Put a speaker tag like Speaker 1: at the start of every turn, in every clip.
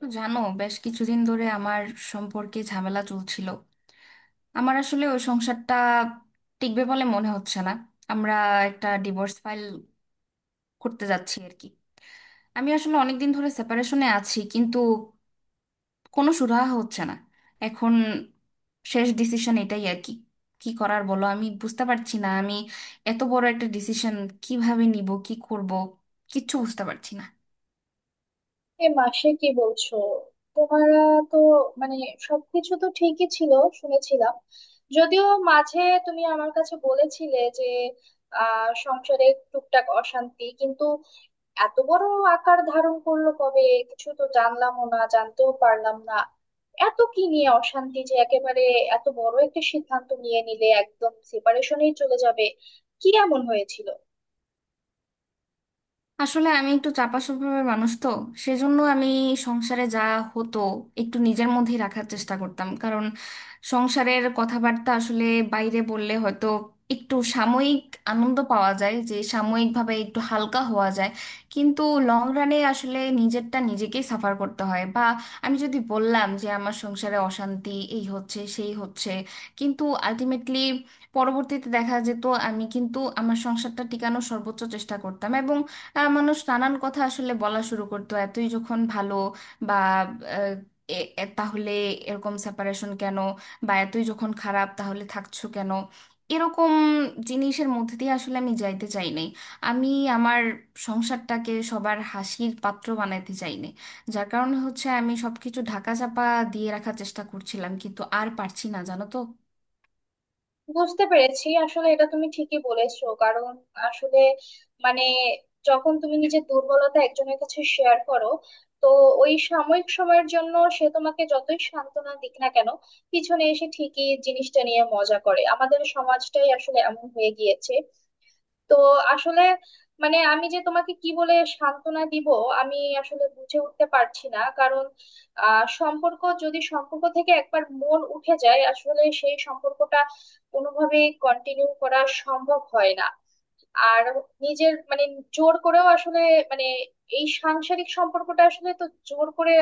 Speaker 1: তো জানো, বেশ কিছুদিন ধরে আমার সম্পর্কে ঝামেলা চলছিল। আমার আসলে ওই সংসারটা টিকবে বলে মনে হচ্ছে না। আমরা একটা ডিভোর্স ফাইল করতে যাচ্ছি আর কি। আমি আসলে অনেকদিন ধরে সেপারেশনে আছি, কিন্তু কোনো সুরাহা হচ্ছে না। এখন শেষ ডিসিশন এটাই আর কি। কি করার বলো, আমি বুঝতে পারছি না। আমি এত বড় একটা ডিসিশন কিভাবে নিব, কি করব কিচ্ছু বুঝতে পারছি না।
Speaker 2: এ মাসে কি বলছো তোমারা? তো মানে সবকিছু তো ঠিকই ছিল শুনেছিলাম, যদিও মাঝে তুমি আমার কাছে বলেছিলে যে সংসারে টুকটাক অশান্তি, কিন্তু এত বড় আকার ধারণ করলো কবে? কিছু তো জানলামও না, জানতেও পারলাম না। এত কি নিয়ে অশান্তি যে একেবারে এত বড় একটা সিদ্ধান্ত নিয়ে নিলে, একদম সেপারেশনেই চলে যাবে? কি এমন হয়েছিল?
Speaker 1: আসলে আমি একটু চাপা স্বভাবের মানুষ তো, সেজন্য আমি সংসারে যা হতো একটু নিজের মধ্যেই রাখার চেষ্টা করতাম। কারণ সংসারের কথাবার্তা আসলে বাইরে বললে হয়তো একটু সাময়িক আনন্দ পাওয়া যায়, যে সাময়িকভাবে একটু হালকা হওয়া যায়, কিন্তু লং রানে আসলে নিজেরটা নিজেকেই সাফার করতে হয়। বা আমি যদি বললাম যে আমার সংসারে অশান্তি এই হচ্ছে সেই হচ্ছে, কিন্তু আলটিমেটলি পরবর্তীতে দেখা যেত আমি কিন্তু আমার সংসারটা টিকানোর সর্বোচ্চ চেষ্টা করতাম। মানুষ নানান কথা আসলে বলা শুরু করতো, এতই যখন ভালো বা আহ, তাহলে এরকম সেপারেশন কেন, বা এতই যখন খারাপ তাহলে থাকছো কেন, এরকম জিনিসের মধ্যে দিয়ে আসলে আমি যাইতে চাইনি। আমি আমার সংসারটাকে সবার হাসির পাত্র বানাইতে চাইনি, যার কারণে হচ্ছে আমি সবকিছু ঢাকা চাপা দিয়ে রাখার চেষ্টা করছিলাম, কিন্তু আর পারছি না জানো তো।
Speaker 2: বুঝতে পেরেছি। আসলে এটা তুমি ঠিকই বলেছো, কারণ আসলে মানে যখন তুমি নিজের দুর্বলতা একজনের কাছে শেয়ার করো, তো ওই সাময়িক সময়ের জন্য সে তোমাকে যতই সান্ত্বনা দিক না কেন, পিছনে এসে ঠিকই জিনিসটা নিয়ে মজা করে। আমাদের সমাজটাই আসলে এমন হয়ে গিয়েছে। তো আসলে মানে আমি যে তোমাকে কি বলে সান্ত্বনা দিব, আমি আসলে বুঝে উঠতে পারছি না। কারণ সম্পর্ক, যদি সম্পর্ক থেকে একবার মন উঠে যায়, আসলে সেই সম্পর্কটা কোনোভাবেই কন্টিনিউ করা সম্ভব হয় না। আর নিজের মানে জোর করেও আসলে মানে এই সাংসারিক সম্পর্কটা আসলে তো জোর করে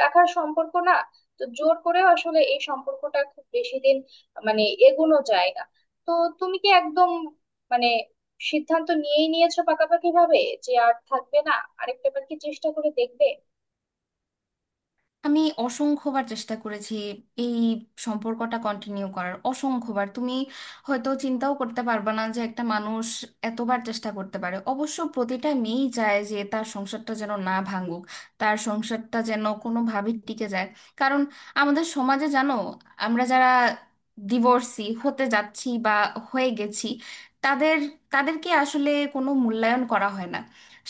Speaker 2: রাখার সম্পর্ক না। তো জোর করেও আসলে এই সম্পর্কটা খুব বেশি দিন মানে এগোনো যায় না। তো তুমি কি একদম মানে সিদ্ধান্ত নিয়েই নিয়েছো পাকাপাকি ভাবে যে আর থাকবে না? আরেকটাবার কি চেষ্টা করে দেখবে?
Speaker 1: আমি অসংখ্যবার চেষ্টা করেছি এই সম্পর্কটা কন্টিনিউ করার। অসংখ্যবার, তুমি হয়তো চিন্তাও করতে পারবে না যে একটা মানুষ এতবার চেষ্টা করতে পারে। অবশ্য প্রতিটা মেয়েই চায় যে তার সংসারটা যেন না ভাঙুক, তার সংসারটা যেন কোনোভাবে টিকে যায়। কারণ আমাদের সমাজে জানো, আমরা যারা ডিভোর্সি হতে যাচ্ছি বা হয়ে গেছি, তাদের তাদেরকে আসলে কোনো মূল্যায়ন করা হয় না।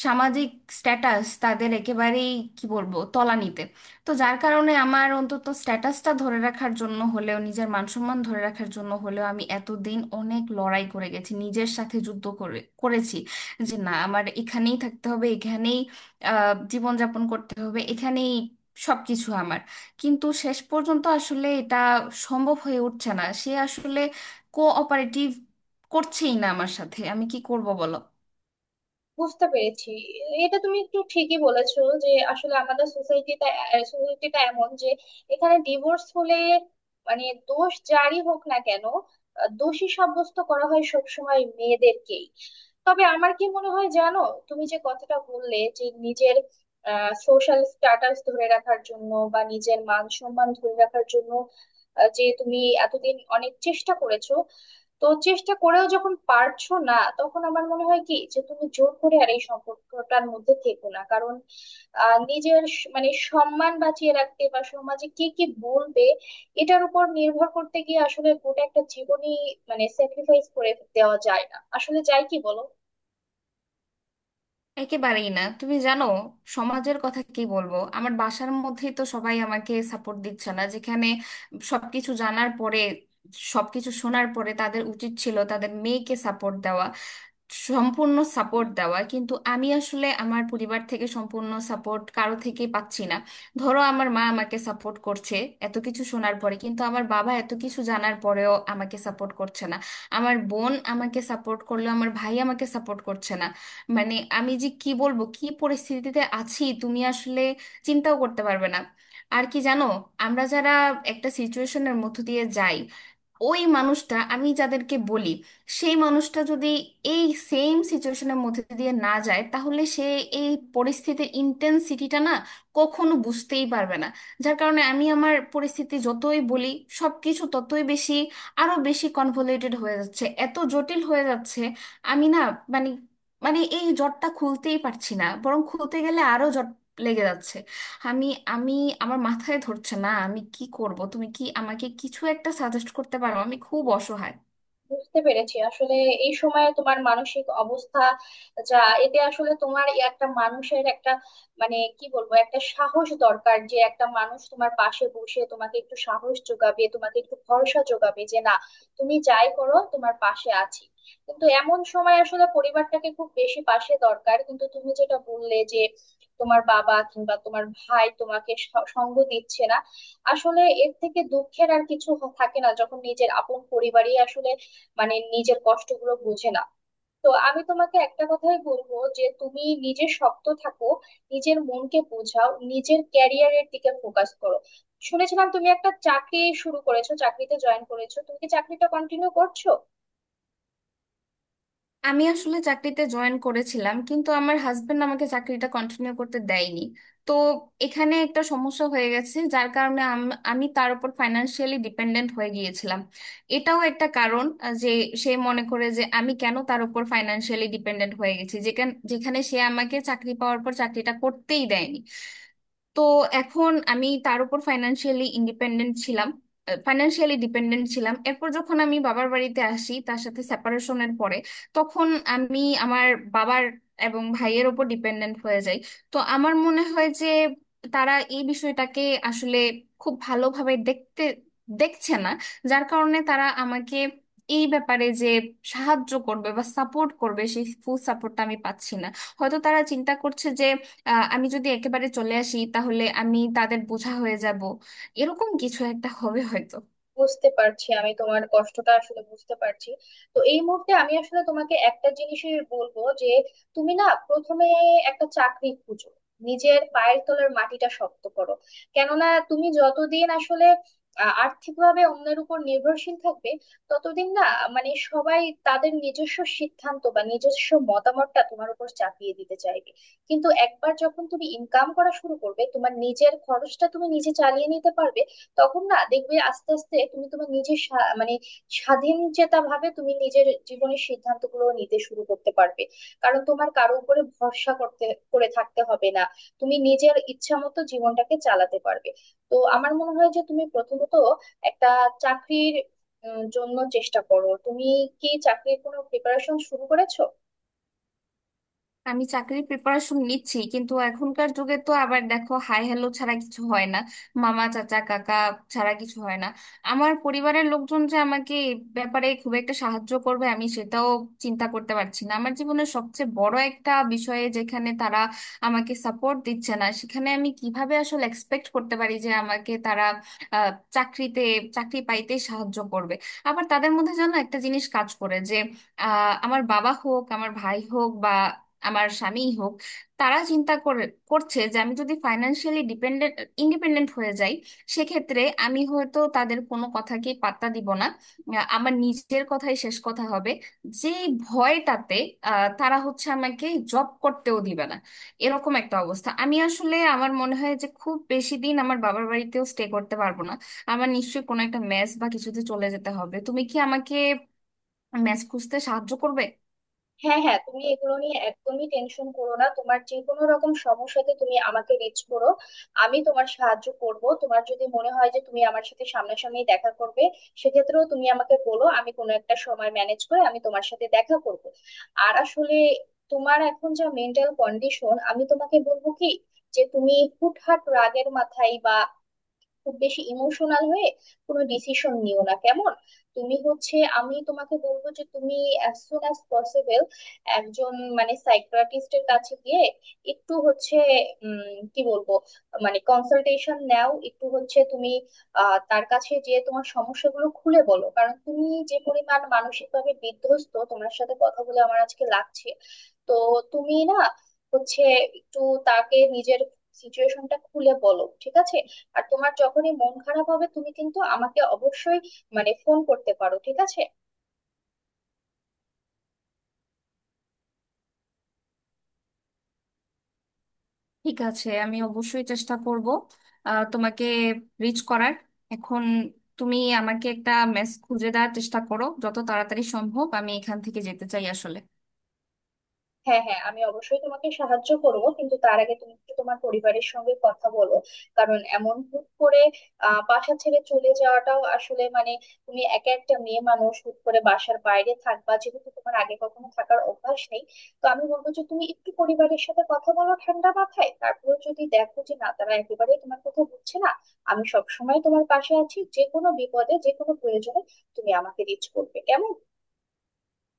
Speaker 1: সামাজিক স্ট্যাটাস তাদের একেবারেই কি বলবো তলানিতে। তো যার কারণে আমার অন্তত স্ট্যাটাসটা ধরে রাখার জন্য হলেও, নিজের মানসম্মান ধরে রাখার জন্য হলেও আমি এতদিন অনেক লড়াই করে গেছি, নিজের সাথে যুদ্ধ করে করেছি যে না, আমার এখানেই থাকতে হবে, এখানেই জীবনযাপন করতে হবে, এখানেই সবকিছু আমার। কিন্তু শেষ পর্যন্ত আসলে এটা সম্ভব হয়ে উঠছে না। সে আসলে কোঅপারেটিভ করছেই না আমার সাথে, আমি কি করব বলো।
Speaker 2: বুঝতে পেরেছি। এটা তুমি একটু ঠিকই বলেছো যে আসলে আমাদের সোসাইটিটা, সোসাইটিটা এমন যে এখানে ডিভোর্স হলে মানে দোষ যারই হোক না কেন, দোষী সাব্যস্ত করা হয় সবসময় মেয়েদেরকেই। তবে আমার কি মনে হয় জানো, তুমি যে কথাটা বললে যে নিজের সোশ্যাল স্ট্যাটাস ধরে রাখার জন্য বা নিজের মান সম্মান ধরে রাখার জন্য যে তুমি এতদিন অনেক চেষ্টা করেছো, তো চেষ্টা করেও যখন পারছো না তখন আমার মনে হয় কি যে তুমি জোর করে আর এই সম্পর্কটার মধ্যে থেকো না। কারণ নিজের মানে সম্মান বাঁচিয়ে রাখতে বা সমাজে কে কি বলবে এটার উপর নির্ভর করতে গিয়ে আসলে গোটা একটা জীবনই মানে স্যাক্রিফাইস করে দেওয়া যায় না, আসলে যায় কি বলো?
Speaker 1: একেবারেই না, তুমি জানো সমাজের কথা কি বলবো, আমার বাসার মধ্যেই তো সবাই আমাকে সাপোর্ট দিচ্ছে না, যেখানে সবকিছু জানার পরে, সবকিছু শোনার পরে তাদের উচিত ছিল তাদের মেয়েকে সাপোর্ট দেওয়া, সম্পূর্ণ সাপোর্ট দেওয়া। কিন্তু আমি আসলে আমার পরিবার থেকে সম্পূর্ণ সাপোর্ট কারো থেকে পাচ্ছি না। ধরো আমার মা আমাকে সাপোর্ট করছে এত কিছু শোনার পরে, কিন্তু আমার বাবা এত কিছু জানার পরেও আমাকে সাপোর্ট করছে না। আমার বোন আমাকে সাপোর্ট করলো, আমার ভাই আমাকে সাপোর্ট করছে না। মানে আমি যে কি বলবো, কি পরিস্থিতিতে আছি তুমি আসলে চিন্তাও করতে পারবে না। আর কি জানো, আমরা যারা একটা সিচুয়েশনের মধ্য দিয়ে যাই, ওই মানুষটা আমি যাদেরকে বলি, সেই মানুষটা যদি এই সেম সিচুয়েশনের মধ্যে দিয়ে না যায়, তাহলে সে এই পরিস্থিতির ইন্টেন্সিটিটা না কখনো বুঝতেই পারবে না। যার কারণে আমি আমার পরিস্থিতি যতই বলি, সব কিছু ততই বেশি আরো বেশি কনভলিউটেড হয়ে যাচ্ছে, এত জটিল হয়ে যাচ্ছে। আমি না, মানে মানে এই জটটা খুলতেই পারছি না, বরং খুলতে গেলে আরো জট লেগে যাচ্ছে। আমি আমি আমার মাথায় ধরছে না আমি কি করব। তুমি কি আমাকে কিছু একটা সাজেস্ট করতে পারো? আমি খুব অসহায়।
Speaker 2: বুঝতে পেরেছি। আসলে এই সময়ে তোমার মানসিক অবস্থা যা, এতে আসলে তোমার এই একটা মানুষের একটা মানে কি বলবো, একটা সাহস দরকার যে একটা মানুষ তোমার পাশে বসে তোমাকে একটু সাহস যোগাবে, তোমাকে একটু ভরসা যোগাবে যে না, তুমি যাই করো তোমার পাশে আছি। কিন্তু এমন সময় আসলে পরিবারটাকে খুব বেশি পাশে দরকার, কিন্তু তুমি যেটা বললে যে তোমার বাবা কিংবা তোমার ভাই তোমাকে সঙ্গ দিচ্ছে না, আসলে এর থেকে দুঃখের আর কিছু থাকে না যখন নিজের আপন পরিবারই আসলে মানে নিজের কষ্টগুলো বোঝে না। তো আমি তোমাকে একটা কথাই বলবো যে তুমি নিজে শক্ত থাকো, নিজের মনকে বোঝাও, নিজের ক্যারিয়ারের দিকে ফোকাস করো। শুনেছিলাম তুমি একটা চাকরি শুরু করেছো, চাকরিতে জয়েন করেছো, তুমি কি চাকরিটা কন্টিনিউ করছো?
Speaker 1: আমি আসলে চাকরিতে জয়েন করেছিলাম, কিন্তু আমার হাজবেন্ড আমাকে চাকরিটা কন্টিনিউ করতে দেয়নি। তো এখানে একটা সমস্যা হয়ে গেছে, যার কারণে আমি তার উপর ফাইনান্সিয়ালি ডিপেন্ডেন্ট হয়ে গিয়েছিলাম। এটাও একটা কারণ যে সে মনে করে যে আমি কেন তার উপর ফাইনান্সিয়ালি ডিপেন্ডেন্ট হয়ে গেছি, যেখানে যেখানে সে আমাকে চাকরি পাওয়ার পর চাকরিটা করতেই দেয়নি। তো এখন আমি তার উপর ফাইনান্সিয়ালি ইন্ডিপেন্ডেন্ট ছিলাম, ফাইনান্সিয়ালি ডিপেন্ডেন্ট ছিলাম। এরপর যখন আমি বাবার বাড়িতে আসি তার সাথে সেপারেশনের পরে, তখন আমি আমার বাবার এবং ভাইয়ের ওপর ডিপেন্ডেন্ট হয়ে যাই। তো আমার মনে হয় যে তারা এই বিষয়টাকে আসলে খুব ভালোভাবে দেখছে না। যার কারণে তারা আমাকে এই ব্যাপারে যে সাহায্য করবে বা সাপোর্ট করবে, সেই ফুল সাপোর্টটা আমি পাচ্ছি না। হয়তো তারা চিন্তা করছে আমি যদি একেবারে চলে আসি তাহলে আমি তাদের বোঝা হয়ে যাব, এরকম কিছু একটা হবে হয়তো।
Speaker 2: বুঝতে পারছি, আমি তোমার কষ্টটা আসলে বুঝতে পারছি। তো এই মুহূর্তে আমি আসলে তোমাকে একটা জিনিসই বলবো যে তুমি না প্রথমে একটা চাকরি খুঁজো, নিজের পায়ের তলার মাটিটা শক্ত করো। কেননা তুমি যতদিন আসলে আর্থিকভাবে অন্যের উপর নির্ভরশীল থাকবে, ততদিন না মানে সবাই তাদের নিজস্ব সিদ্ধান্ত বা নিজস্ব মতামতটা তোমার উপর চাপিয়ে দিতে চাইবে। কিন্তু একবার যখন তুমি ইনকাম করা শুরু করবে, তোমার নিজের খরচটা তুমি নিজে চালিয়ে নিতে পারবে, তখন না দেখবে আস্তে আস্তে তুমি তোমার নিজের মানে স্বাধীন চেতা ভাবে তুমি নিজের জীবনের সিদ্ধান্তগুলো নিতে শুরু করতে পারবে। কারণ তোমার কারো উপরে ভরসা করতে করে থাকতে হবে না, তুমি নিজের ইচ্ছা মতো জীবনটাকে চালাতে পারবে। তো আমার মনে হয় যে তুমি প্রথমত একটা চাকরির জন্য চেষ্টা করো। তুমি কি চাকরির কোনো প্রিপারেশন শুরু করেছো?
Speaker 1: আমি চাকরির প্রিপারেশন নিচ্ছি, কিন্তু এখনকার যুগে তো আবার দেখো হাই হ্যালো ছাড়া কিছু হয় না, মামা চাচা কাকা ছাড়া কিছু হয় না। আমার পরিবারের লোকজন যে আমাকে এই ব্যাপারে খুব একটা সাহায্য করবে আমি সেটাও চিন্তা করতে পারছি না। আমার জীবনের সবচেয়ে বড় একটা বিষয়ে যেখানে তারা আমাকে সাপোর্ট দিচ্ছে না, সেখানে আমি কিভাবে আসলে এক্সপেক্ট করতে পারি যে আমাকে তারা আহ, চাকরিতে চাকরি পাইতে সাহায্য করবে। আবার তাদের মধ্যে যেন একটা জিনিস কাজ করে যে আমার বাবা হোক, আমার ভাই হোক, বা আমার স্বামীই হোক, তারা চিন্তা করে করছে যে আমি যদি ফাইন্যান্সিয়ালি ইন্ডিপেন্ডেন্ট হয়ে যাই, সেক্ষেত্রে আমি হয়তো তাদের কোনো কথাকে পাত্তা দিব না, আমার নিজের কথাই শেষ কথা হবে। যে ভয়টাতে তারা হচ্ছে আমাকে জব করতেও দিবে না, এরকম একটা অবস্থা। আমি আসলে আমার মনে হয় যে খুব বেশি দিন আমার বাবার বাড়িতেও স্টে করতে পারবো না। আমার নিশ্চয়ই কোনো একটা মেস বা কিছুতে চলে যেতে হবে। তুমি কি আমাকে মেস খুঁজতে সাহায্য করবে?
Speaker 2: হ্যাঁ হ্যাঁ, তুমি এগুলো নিয়ে একদমই টেনশন করো না, তোমার যে কোনো রকম সমস্যাতে তুমি আমাকে রিচ করো, আমি তোমার সাহায্য করব। তোমার যদি মনে হয় যে তুমি আমার সাথে সামনাসামনি দেখা করবে, সেক্ষেত্রেও তুমি আমাকে বলো, আমি কোনো একটা সময় ম্যানেজ করে আমি তোমার সাথে দেখা করব। আর আসলে তোমার এখন যা মেন্টাল কন্ডিশন, আমি তোমাকে বলবো কি যে তুমি হুটহাট রাগের মাথায় বা খুব বেশি ইমোশনাল হয়ে কোনো ডিসিশন নিও না, কেমন? তুমি হচ্ছে আমি তোমাকে বলবো যে তুমি অ্যাজ সুন অ্যাজ পসিবল একজন মানে সাইকিয়াট্রিস্টের কাছে গিয়ে একটু হচ্ছে কি বলবো মানে কনসালটেশন নাও, একটু হচ্ছে তুমি তার কাছে যে তোমার সমস্যাগুলো খুলে বলো। কারণ তুমি যে পরিমাণ মানসিকভাবে বিধ্বস্ত, তোমার সাথে কথা বলে আমার আজকে লাগছে। তো তুমি না হচ্ছে একটু তাকে নিজের সিচুয়েশনটা খুলে বলো, ঠিক আছে? আর তোমার যখনই মন খারাপ হবে তুমি কিন্তু আমাকে অবশ্যই মানে ফোন করতে পারো, ঠিক আছে?
Speaker 1: ঠিক আছে, আমি অবশ্যই চেষ্টা করব তোমাকে রিচ করার। এখন তুমি আমাকে একটা মেস খুঁজে দেওয়ার চেষ্টা করো, যত তাড়াতাড়ি সম্ভব আমি এখান থেকে যেতে চাই আসলে।
Speaker 2: হ্যাঁ হ্যাঁ, আমি অবশ্যই তোমাকে সাহায্য করব, কিন্তু তার আগে তুমি একটু তোমার পরিবারের সঙ্গে কথা বলো। কারণ এমন হুট করে বাসা ছেড়ে চলে যাওয়াটাও আসলে মানে তুমি একা একটা মেয়ে মানুষ হুট করে বাসার বাইরে থাকবা যেহেতু তোমার আগে কখনো থাকার অভ্যাস নেই। তো আমি বলবো যে তুমি একটু পরিবারের সাথে কথা বলো ঠান্ডা মাথায়, তারপর যদি দেখো যে না, তারা একেবারেই তোমার কথা বুঝছে না, আমি সবসময় তোমার পাশে আছি। যে কোনো বিপদে যে কোনো প্রয়োজনে তুমি আমাকে রিচ করবে, কেমন?